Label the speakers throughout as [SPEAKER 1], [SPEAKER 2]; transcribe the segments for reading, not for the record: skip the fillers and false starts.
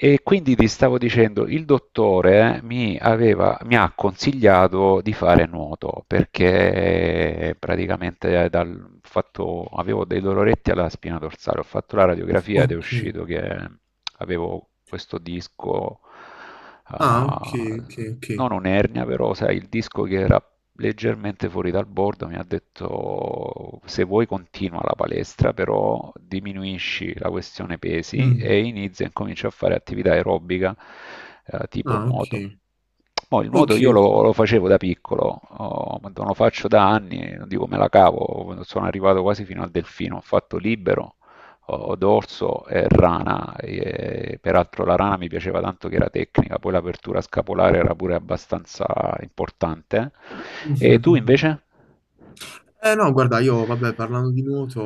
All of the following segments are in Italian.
[SPEAKER 1] E quindi ti stavo dicendo, il dottore mi aveva, mi ha consigliato di fare nuoto perché praticamente dal ho fatto, avevo dei doloretti alla spina dorsale, ho fatto la radiografia ed è
[SPEAKER 2] Ok.
[SPEAKER 1] uscito che avevo questo disco,
[SPEAKER 2] Ah, ok,
[SPEAKER 1] ah,
[SPEAKER 2] ok, ok.
[SPEAKER 1] non un'ernia, però sai, il disco che era leggermente fuori dal bordo, mi ha detto se vuoi continua la palestra, però diminuisci la questione pesi
[SPEAKER 2] Mm.
[SPEAKER 1] e inizia e comincia a fare attività aerobica, tipo
[SPEAKER 2] Ah, ok.
[SPEAKER 1] nuoto. Mo il
[SPEAKER 2] Ok,
[SPEAKER 1] nuoto io lo,
[SPEAKER 2] ok.
[SPEAKER 1] lo facevo da piccolo, oh, ma non lo faccio da anni, non dico me la cavo, sono arrivato quasi fino al delfino, ho fatto libero, o dorso e rana. E, peraltro la rana mi piaceva tanto che era tecnica, poi l'apertura scapolare era pure abbastanza importante. E
[SPEAKER 2] Mhm,
[SPEAKER 1] tu
[SPEAKER 2] mhm.
[SPEAKER 1] invece?
[SPEAKER 2] Eh no, guarda, io vabbè, parlando di nuoto,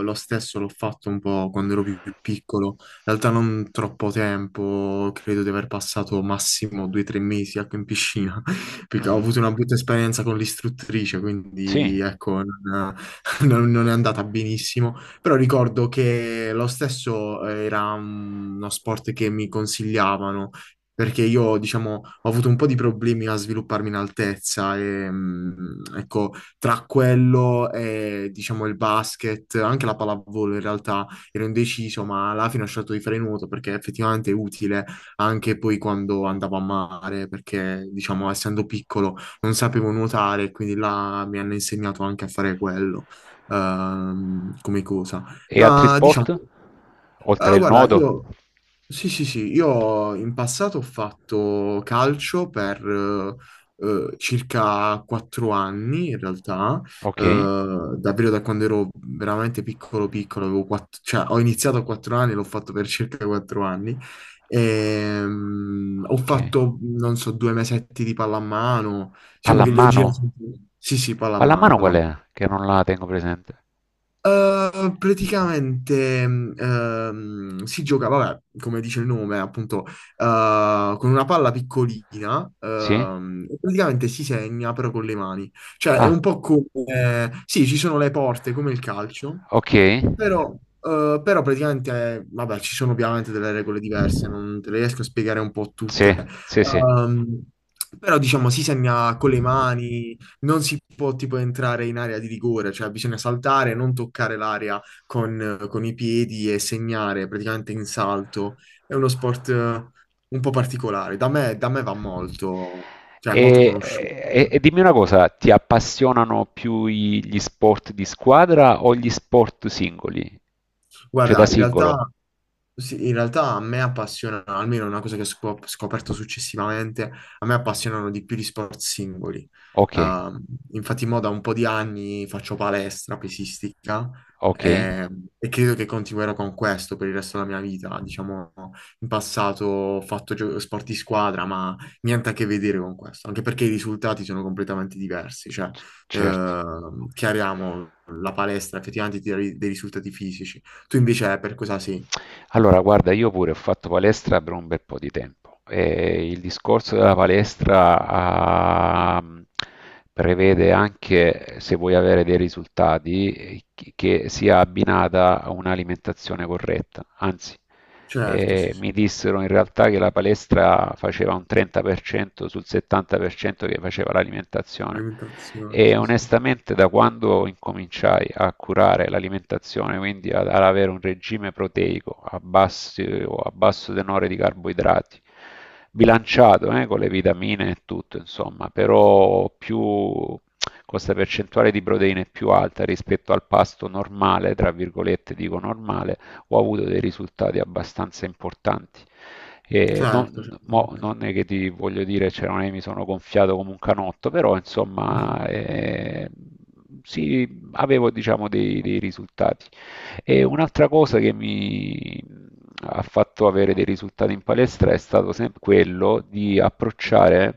[SPEAKER 2] lo stesso l'ho fatto un po' quando ero più piccolo, in realtà non troppo tempo, credo di aver passato massimo due o tre mesi ecco, in piscina, perché ho
[SPEAKER 1] Mhm.
[SPEAKER 2] avuto una brutta esperienza con l'istruttrice, quindi
[SPEAKER 1] Sì.
[SPEAKER 2] ecco, non, non è andata benissimo, però ricordo che lo stesso era uno sport che mi consigliavano, perché io, diciamo, ho avuto un po' di problemi a svilupparmi in altezza e, ecco, tra quello e, diciamo, il basket, anche la pallavolo in realtà ero indeciso, ma alla fine ho scelto di fare nuoto perché effettivamente è utile anche poi quando andavo a mare, perché, diciamo, essendo piccolo non sapevo nuotare, quindi là mi hanno insegnato anche a fare quello, come cosa.
[SPEAKER 1] E altri
[SPEAKER 2] Ma, diciamo,
[SPEAKER 1] sport? Oltre il
[SPEAKER 2] guarda,
[SPEAKER 1] nuoto?
[SPEAKER 2] io... Sì, sì, sì, io in passato ho fatto calcio per circa quattro anni in realtà.
[SPEAKER 1] Ok,
[SPEAKER 2] Davvero da quando ero veramente piccolo piccolo, avevo cioè, ho iniziato a quattro anni, l'ho fatto per circa quattro anni. Ho
[SPEAKER 1] ok.
[SPEAKER 2] fatto, non so, due mesetti di pallamano, diciamo che li ho
[SPEAKER 1] Pallamano?
[SPEAKER 2] girati, sì, sì, pallamano,
[SPEAKER 1] Pallamano qual
[SPEAKER 2] pallamano.
[SPEAKER 1] è? Che non la tengo presente.
[SPEAKER 2] Praticamente si gioca, vabbè, come dice il nome, appunto, con una palla piccolina,
[SPEAKER 1] Sì?
[SPEAKER 2] e praticamente si segna però con le mani. Cioè, è un
[SPEAKER 1] Ah,
[SPEAKER 2] po' come... sì, ci sono le porte, come il calcio,
[SPEAKER 1] ok.
[SPEAKER 2] però, però praticamente, vabbè, ci sono ovviamente delle regole diverse, non te le riesco a spiegare un po' tutte.
[SPEAKER 1] Sì, sì, sì.
[SPEAKER 2] Però, diciamo, si segna con le mani, non si può tipo entrare in area di rigore, cioè bisogna saltare, non toccare l'area con i piedi e segnare praticamente in salto. È uno sport un po' particolare. Da me va molto, cioè è
[SPEAKER 1] E,
[SPEAKER 2] molto conosciuto.
[SPEAKER 1] e- e dimmi una cosa, ti appassionano più gli sport di squadra o gli sport singoli? Cioè da
[SPEAKER 2] Guarda, in
[SPEAKER 1] singolo?
[SPEAKER 2] realtà sì, in realtà a me appassiona, almeno è una cosa che ho scoperto successivamente, a me appassionano di più gli sport singoli.
[SPEAKER 1] Ok,
[SPEAKER 2] Ehm, infatti, mo da un po' di anni faccio palestra pesistica
[SPEAKER 1] ok.
[SPEAKER 2] eh, e credo che continuerò con questo per il resto della mia vita. Diciamo, in passato ho fatto sport di squadra, ma niente a che vedere con questo, anche perché i risultati sono completamente diversi. Cioè,
[SPEAKER 1] Certo.
[SPEAKER 2] chiariamo, la palestra effettivamente ti dà dei risultati fisici. Tu invece per cosa sei?
[SPEAKER 1] Allora, guarda, io pure ho fatto palestra per un bel po' di tempo e il discorso della palestra, prevede anche, se vuoi avere dei risultati, che sia abbinata a un'alimentazione corretta. Anzi,
[SPEAKER 2] Certo,
[SPEAKER 1] e
[SPEAKER 2] sì, sì,
[SPEAKER 1] mi dissero in realtà che la palestra faceva un 30% sul 70% che faceva l'alimentazione,
[SPEAKER 2] alimentazione,
[SPEAKER 1] e
[SPEAKER 2] sì, sì.
[SPEAKER 1] onestamente da quando incominciai a curare l'alimentazione, quindi ad avere un regime proteico o a basso tenore di carboidrati, bilanciato, con le vitamine e tutto, insomma, però più con questa percentuale di proteine è più alta rispetto al pasto normale, tra virgolette dico normale, ho avuto dei risultati abbastanza importanti. E
[SPEAKER 2] Certo,
[SPEAKER 1] non,
[SPEAKER 2] certo,
[SPEAKER 1] mo-
[SPEAKER 2] immagino.
[SPEAKER 1] non è che ti voglio dire, cioè, non è che mi sono gonfiato come un canotto, però
[SPEAKER 2] Mhm.
[SPEAKER 1] insomma, sì, avevo diciamo dei risultati. E un'altra cosa che mi ha fatto avere dei risultati in palestra è stato sempre quello di approcciare,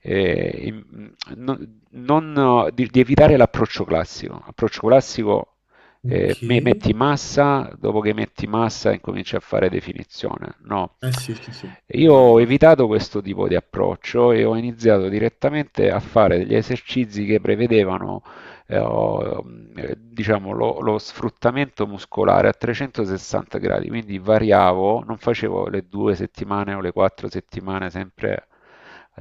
[SPEAKER 1] di evitare l'approccio classico. L'approccio classico,
[SPEAKER 2] Ok.
[SPEAKER 1] metti massa, dopo che metti massa incominci a fare definizione. No,
[SPEAKER 2] Eh sì, sì, sì, quella
[SPEAKER 1] io
[SPEAKER 2] è la
[SPEAKER 1] ho
[SPEAKER 2] base.
[SPEAKER 1] evitato questo tipo di approccio e ho iniziato direttamente a fare degli esercizi che prevedevano, eh, o, diciamo, lo sfruttamento muscolare a 360 gradi, quindi variavo, non facevo le due settimane o le quattro settimane sempre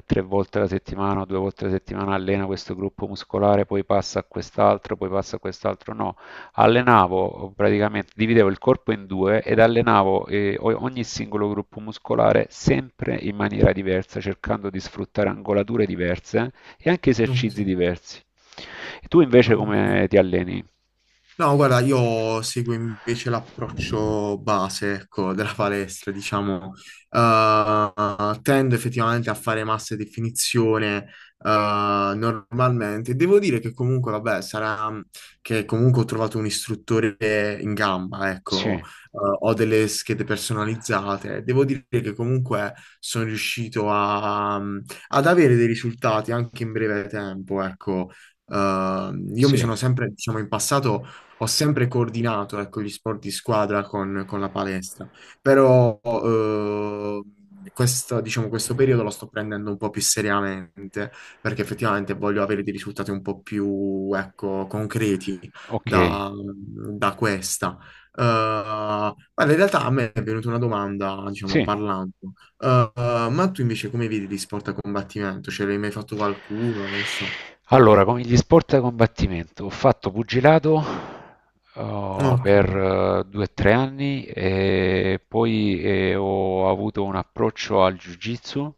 [SPEAKER 1] tre volte alla settimana o due volte alla settimana allena questo gruppo muscolare, poi passa a quest'altro, poi passa a quest'altro. No, allenavo praticamente, dividevo il corpo in due ed allenavo, ogni singolo gruppo muscolare sempre in maniera diversa, cercando di sfruttare angolature diverse e anche
[SPEAKER 2] Ok,
[SPEAKER 1] esercizi diversi. E tu invece
[SPEAKER 2] ah, ok.
[SPEAKER 1] come ti alleni?
[SPEAKER 2] No, guarda, io seguo invece l'approccio base, ecco, della palestra, diciamo. Tendo effettivamente a fare massa e definizione, normalmente. Devo dire che comunque, vabbè, sarà che comunque ho trovato un istruttore in gamba, ecco.
[SPEAKER 1] Sì,
[SPEAKER 2] Ho delle schede personalizzate. Devo dire che comunque sono riuscito ad avere dei risultati anche in breve tempo, ecco. Io mi
[SPEAKER 1] sì,
[SPEAKER 2] sono sempre, diciamo, in passato ho sempre coordinato, ecco, gli sport di squadra con la palestra, però questo, diciamo, questo periodo lo sto prendendo un po' più seriamente perché effettivamente voglio avere dei risultati un po' più, ecco, concreti
[SPEAKER 1] ok,
[SPEAKER 2] da, da questa. Guarda, in realtà a me è venuta una domanda, diciamo,
[SPEAKER 1] sì.
[SPEAKER 2] parlando. Eh, ma tu invece come vedi gli sport a combattimento? Ce l'hai mai fatto qualcuno? Non so.
[SPEAKER 1] Allora, come gli sport da combattimento, ho fatto pugilato, oh,
[SPEAKER 2] Ok,
[SPEAKER 1] per 2-3 anni e poi, ho avuto un approccio al jiu-jitsu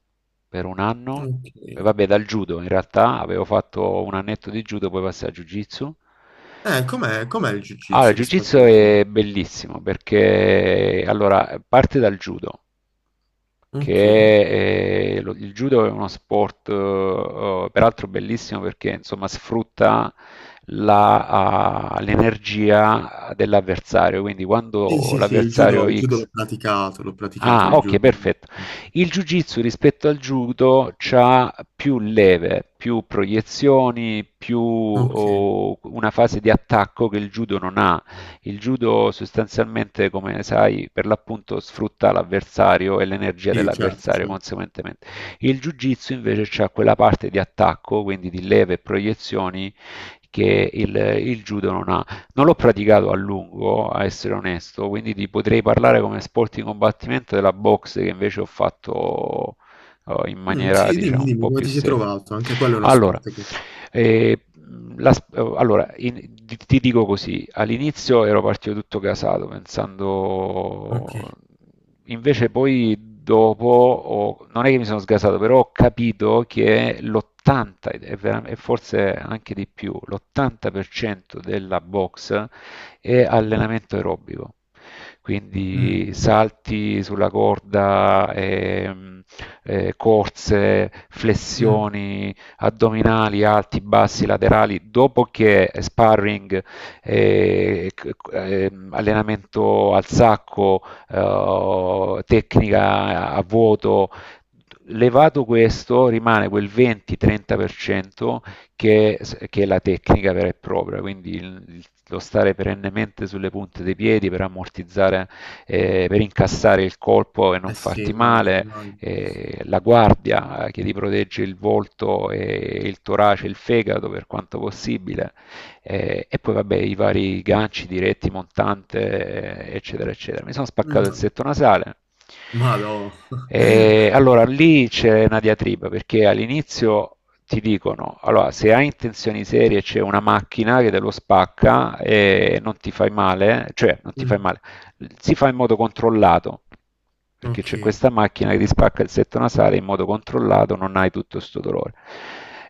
[SPEAKER 1] per un anno. E
[SPEAKER 2] ok.
[SPEAKER 1] vabbè, dal judo in realtà avevo fatto un annetto di judo, poi passai al jiu-jitsu.
[SPEAKER 2] Com'è il
[SPEAKER 1] Allora, il
[SPEAKER 2] jiu-jitsu
[SPEAKER 1] jiu-jitsu
[SPEAKER 2] rispetto al judo?
[SPEAKER 1] è bellissimo perché allora, parte dal judo,
[SPEAKER 2] Ok.
[SPEAKER 1] il judo è uno sport, peraltro bellissimo perché insomma sfrutta la, l'energia dell'avversario, quindi
[SPEAKER 2] Sì,
[SPEAKER 1] quando
[SPEAKER 2] sì, sì,
[SPEAKER 1] l'avversario
[SPEAKER 2] il judo
[SPEAKER 1] X.
[SPEAKER 2] l'ho praticato
[SPEAKER 1] Ah,
[SPEAKER 2] il
[SPEAKER 1] ok,
[SPEAKER 2] judo.
[SPEAKER 1] perfetto. Il jiu-jitsu rispetto al judo ha più leve, più proiezioni, più,
[SPEAKER 2] Ok,
[SPEAKER 1] una fase di attacco che il judo non ha. Il judo sostanzialmente, come sai, per l'appunto sfrutta l'avversario e l'energia
[SPEAKER 2] sì, certo,
[SPEAKER 1] dell'avversario
[SPEAKER 2] certo.
[SPEAKER 1] conseguentemente. Il jiu-jitsu invece ha quella parte di attacco, quindi di leve e proiezioni, che il judo non ha. Non l'ho praticato a lungo, a essere onesto, quindi ti potrei parlare come sport di combattimento della boxe che invece ho fatto, in
[SPEAKER 2] Mm,
[SPEAKER 1] maniera,
[SPEAKER 2] sì,
[SPEAKER 1] diciamo,
[SPEAKER 2] dimmi,
[SPEAKER 1] un
[SPEAKER 2] dimmi,
[SPEAKER 1] po'
[SPEAKER 2] come
[SPEAKER 1] più
[SPEAKER 2] ti sei
[SPEAKER 1] seria.
[SPEAKER 2] trovato? Anche quello è uno
[SPEAKER 1] Allora,
[SPEAKER 2] sport che...
[SPEAKER 1] e, la, allora, in- ti dico così, all'inizio ero partito tutto casato,
[SPEAKER 2] Ok.
[SPEAKER 1] pensando, invece poi dopo, non è che mi sono sgasato, però ho capito che l'80, e e forse anche di più, l'80% della box è allenamento aerobico.
[SPEAKER 2] Mm,
[SPEAKER 1] Quindi salti sulla corda, corse,
[SPEAKER 2] mm.
[SPEAKER 1] flessioni, addominali alti, bassi, laterali, dopo che sparring, eh, allenamento al sacco, tecnica a vuoto, levato questo rimane quel 20-30% che, è la tecnica vera e propria, quindi lo stare perennemente sulle punte dei piedi per ammortizzare, per incassare il colpo e non
[SPEAKER 2] Eh sì,
[SPEAKER 1] farti
[SPEAKER 2] immagino,
[SPEAKER 1] male,
[SPEAKER 2] immagino, sì, sì.
[SPEAKER 1] la guardia, che ti protegge il volto e il torace, il fegato per quanto possibile, e poi vabbè i vari ganci diretti, montante, eccetera, eccetera. Mi sono spaccato il
[SPEAKER 2] Mm,
[SPEAKER 1] setto nasale.
[SPEAKER 2] madò.
[SPEAKER 1] E allora lì c'è una diatriba perché all'inizio ti dicono, allora se hai intenzioni serie c'è una macchina che te lo spacca e non ti fai male, cioè non ti fai
[SPEAKER 2] Mm,
[SPEAKER 1] male, si fa in modo controllato, perché c'è
[SPEAKER 2] ok.
[SPEAKER 1] questa macchina che ti spacca il setto nasale in modo controllato, non hai tutto questo dolore.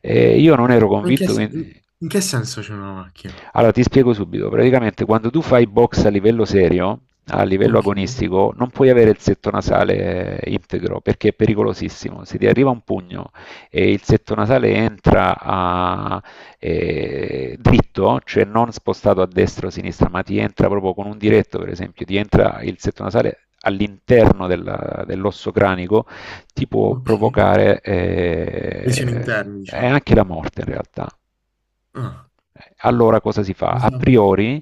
[SPEAKER 1] Io non ero
[SPEAKER 2] Ma in che,
[SPEAKER 1] convinto,
[SPEAKER 2] in che senso c'è una macchina?
[SPEAKER 1] allora ti spiego subito. Praticamente quando tu fai box a livello serio, a livello
[SPEAKER 2] Ok,
[SPEAKER 1] agonistico, non puoi avere il setto nasale, integro, perché è pericolosissimo. Se ti arriva un pugno e il setto nasale entra, dritto, cioè non spostato a destra o a sinistra, ma ti entra proprio con un diretto, per esempio, ti entra il setto nasale all'interno dell'osso cranico, ti può
[SPEAKER 2] ok.
[SPEAKER 1] provocare,
[SPEAKER 2] Lesioni interne,
[SPEAKER 1] è
[SPEAKER 2] diciamo.
[SPEAKER 1] anche la morte in realtà.
[SPEAKER 2] Ah,
[SPEAKER 1] Allora cosa si fa?
[SPEAKER 2] non
[SPEAKER 1] A
[SPEAKER 2] sapevo.
[SPEAKER 1] priori,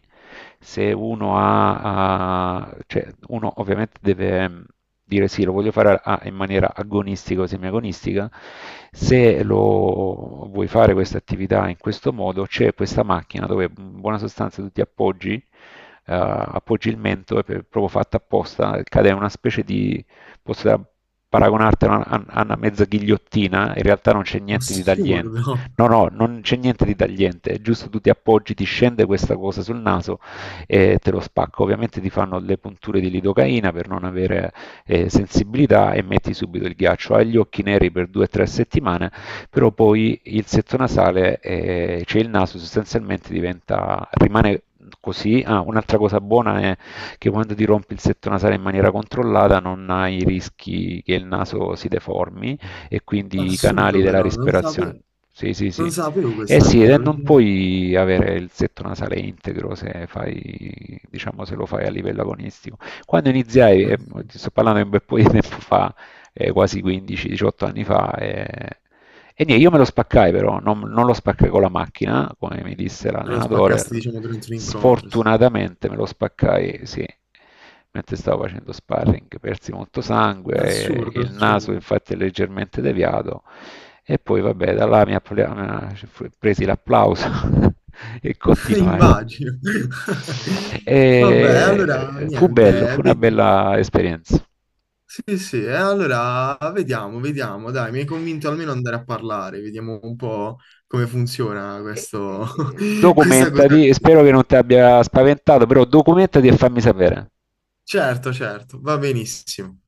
[SPEAKER 1] se uno cioè uno ovviamente deve, dire sì, lo voglio fare, in maniera agonistica o semiagonistica. Se lo vuoi fare questa attività in questo modo, c'è questa macchina dove in buona sostanza tu ti appoggi, appoggi il mento, è proprio fatta apposta, cade in una specie di, posso paragonartela a a una mezza ghigliottina, in realtà non c'è niente di tagliente.
[SPEAKER 2] Assurdo.
[SPEAKER 1] No, no, non c'è niente di tagliente, è giusto tu ti appoggi, ti scende questa cosa sul naso e te lo spacca. Ovviamente ti fanno le punture di lidocaina per non avere, sensibilità, e metti subito il ghiaccio. Hai gli occhi neri per 2-3 settimane, però poi il setto nasale, cioè il naso sostanzialmente diventa, rimane così. Ah, un'altra cosa buona è che quando ti rompi il setto nasale in maniera controllata non hai rischi che il naso si deformi e quindi i canali
[SPEAKER 2] Assurdo
[SPEAKER 1] della
[SPEAKER 2] però, non
[SPEAKER 1] respirazione.
[SPEAKER 2] sapevo,
[SPEAKER 1] Sì, sì,
[SPEAKER 2] non
[SPEAKER 1] sì.
[SPEAKER 2] sapevo
[SPEAKER 1] Eh
[SPEAKER 2] questa
[SPEAKER 1] sì,
[SPEAKER 2] cosa,
[SPEAKER 1] e non
[SPEAKER 2] allucinante.
[SPEAKER 1] puoi avere il setto nasale integro se fai, diciamo, se lo fai a livello agonistico. Quando iniziai,
[SPEAKER 2] Assurdo.
[SPEAKER 1] ti sto parlando di un bel po' di tempo fa, quasi 15-18 anni fa, e niente, io me lo spaccai però, non lo spaccai con la macchina, come mi disse
[SPEAKER 2] Te lo
[SPEAKER 1] l'allenatore,
[SPEAKER 2] spaccasti, diciamo, durante un incontro, sì.
[SPEAKER 1] sfortunatamente me lo spaccai, sì, mentre stavo facendo sparring, persi molto sangue,
[SPEAKER 2] Assurdo,
[SPEAKER 1] il naso
[SPEAKER 2] assurdo.
[SPEAKER 1] infatti è leggermente deviato e poi vabbè, da là presi l'applauso e continuai.
[SPEAKER 2] Immagino. Vabbè,
[SPEAKER 1] E
[SPEAKER 2] allora,
[SPEAKER 1] fu bello,
[SPEAKER 2] niente,
[SPEAKER 1] fu una
[SPEAKER 2] vedi-
[SPEAKER 1] bella esperienza.
[SPEAKER 2] Sì, sì, e allora vediamo, vediamo, dai, mi hai convinto almeno ad andare a parlare, vediamo un po' come funziona questo, questa cosa
[SPEAKER 1] Documentati,
[SPEAKER 2] qui.
[SPEAKER 1] spero che non ti abbia spaventato, però documentati e fammi sapere.
[SPEAKER 2] Certo, certo, va benissimo.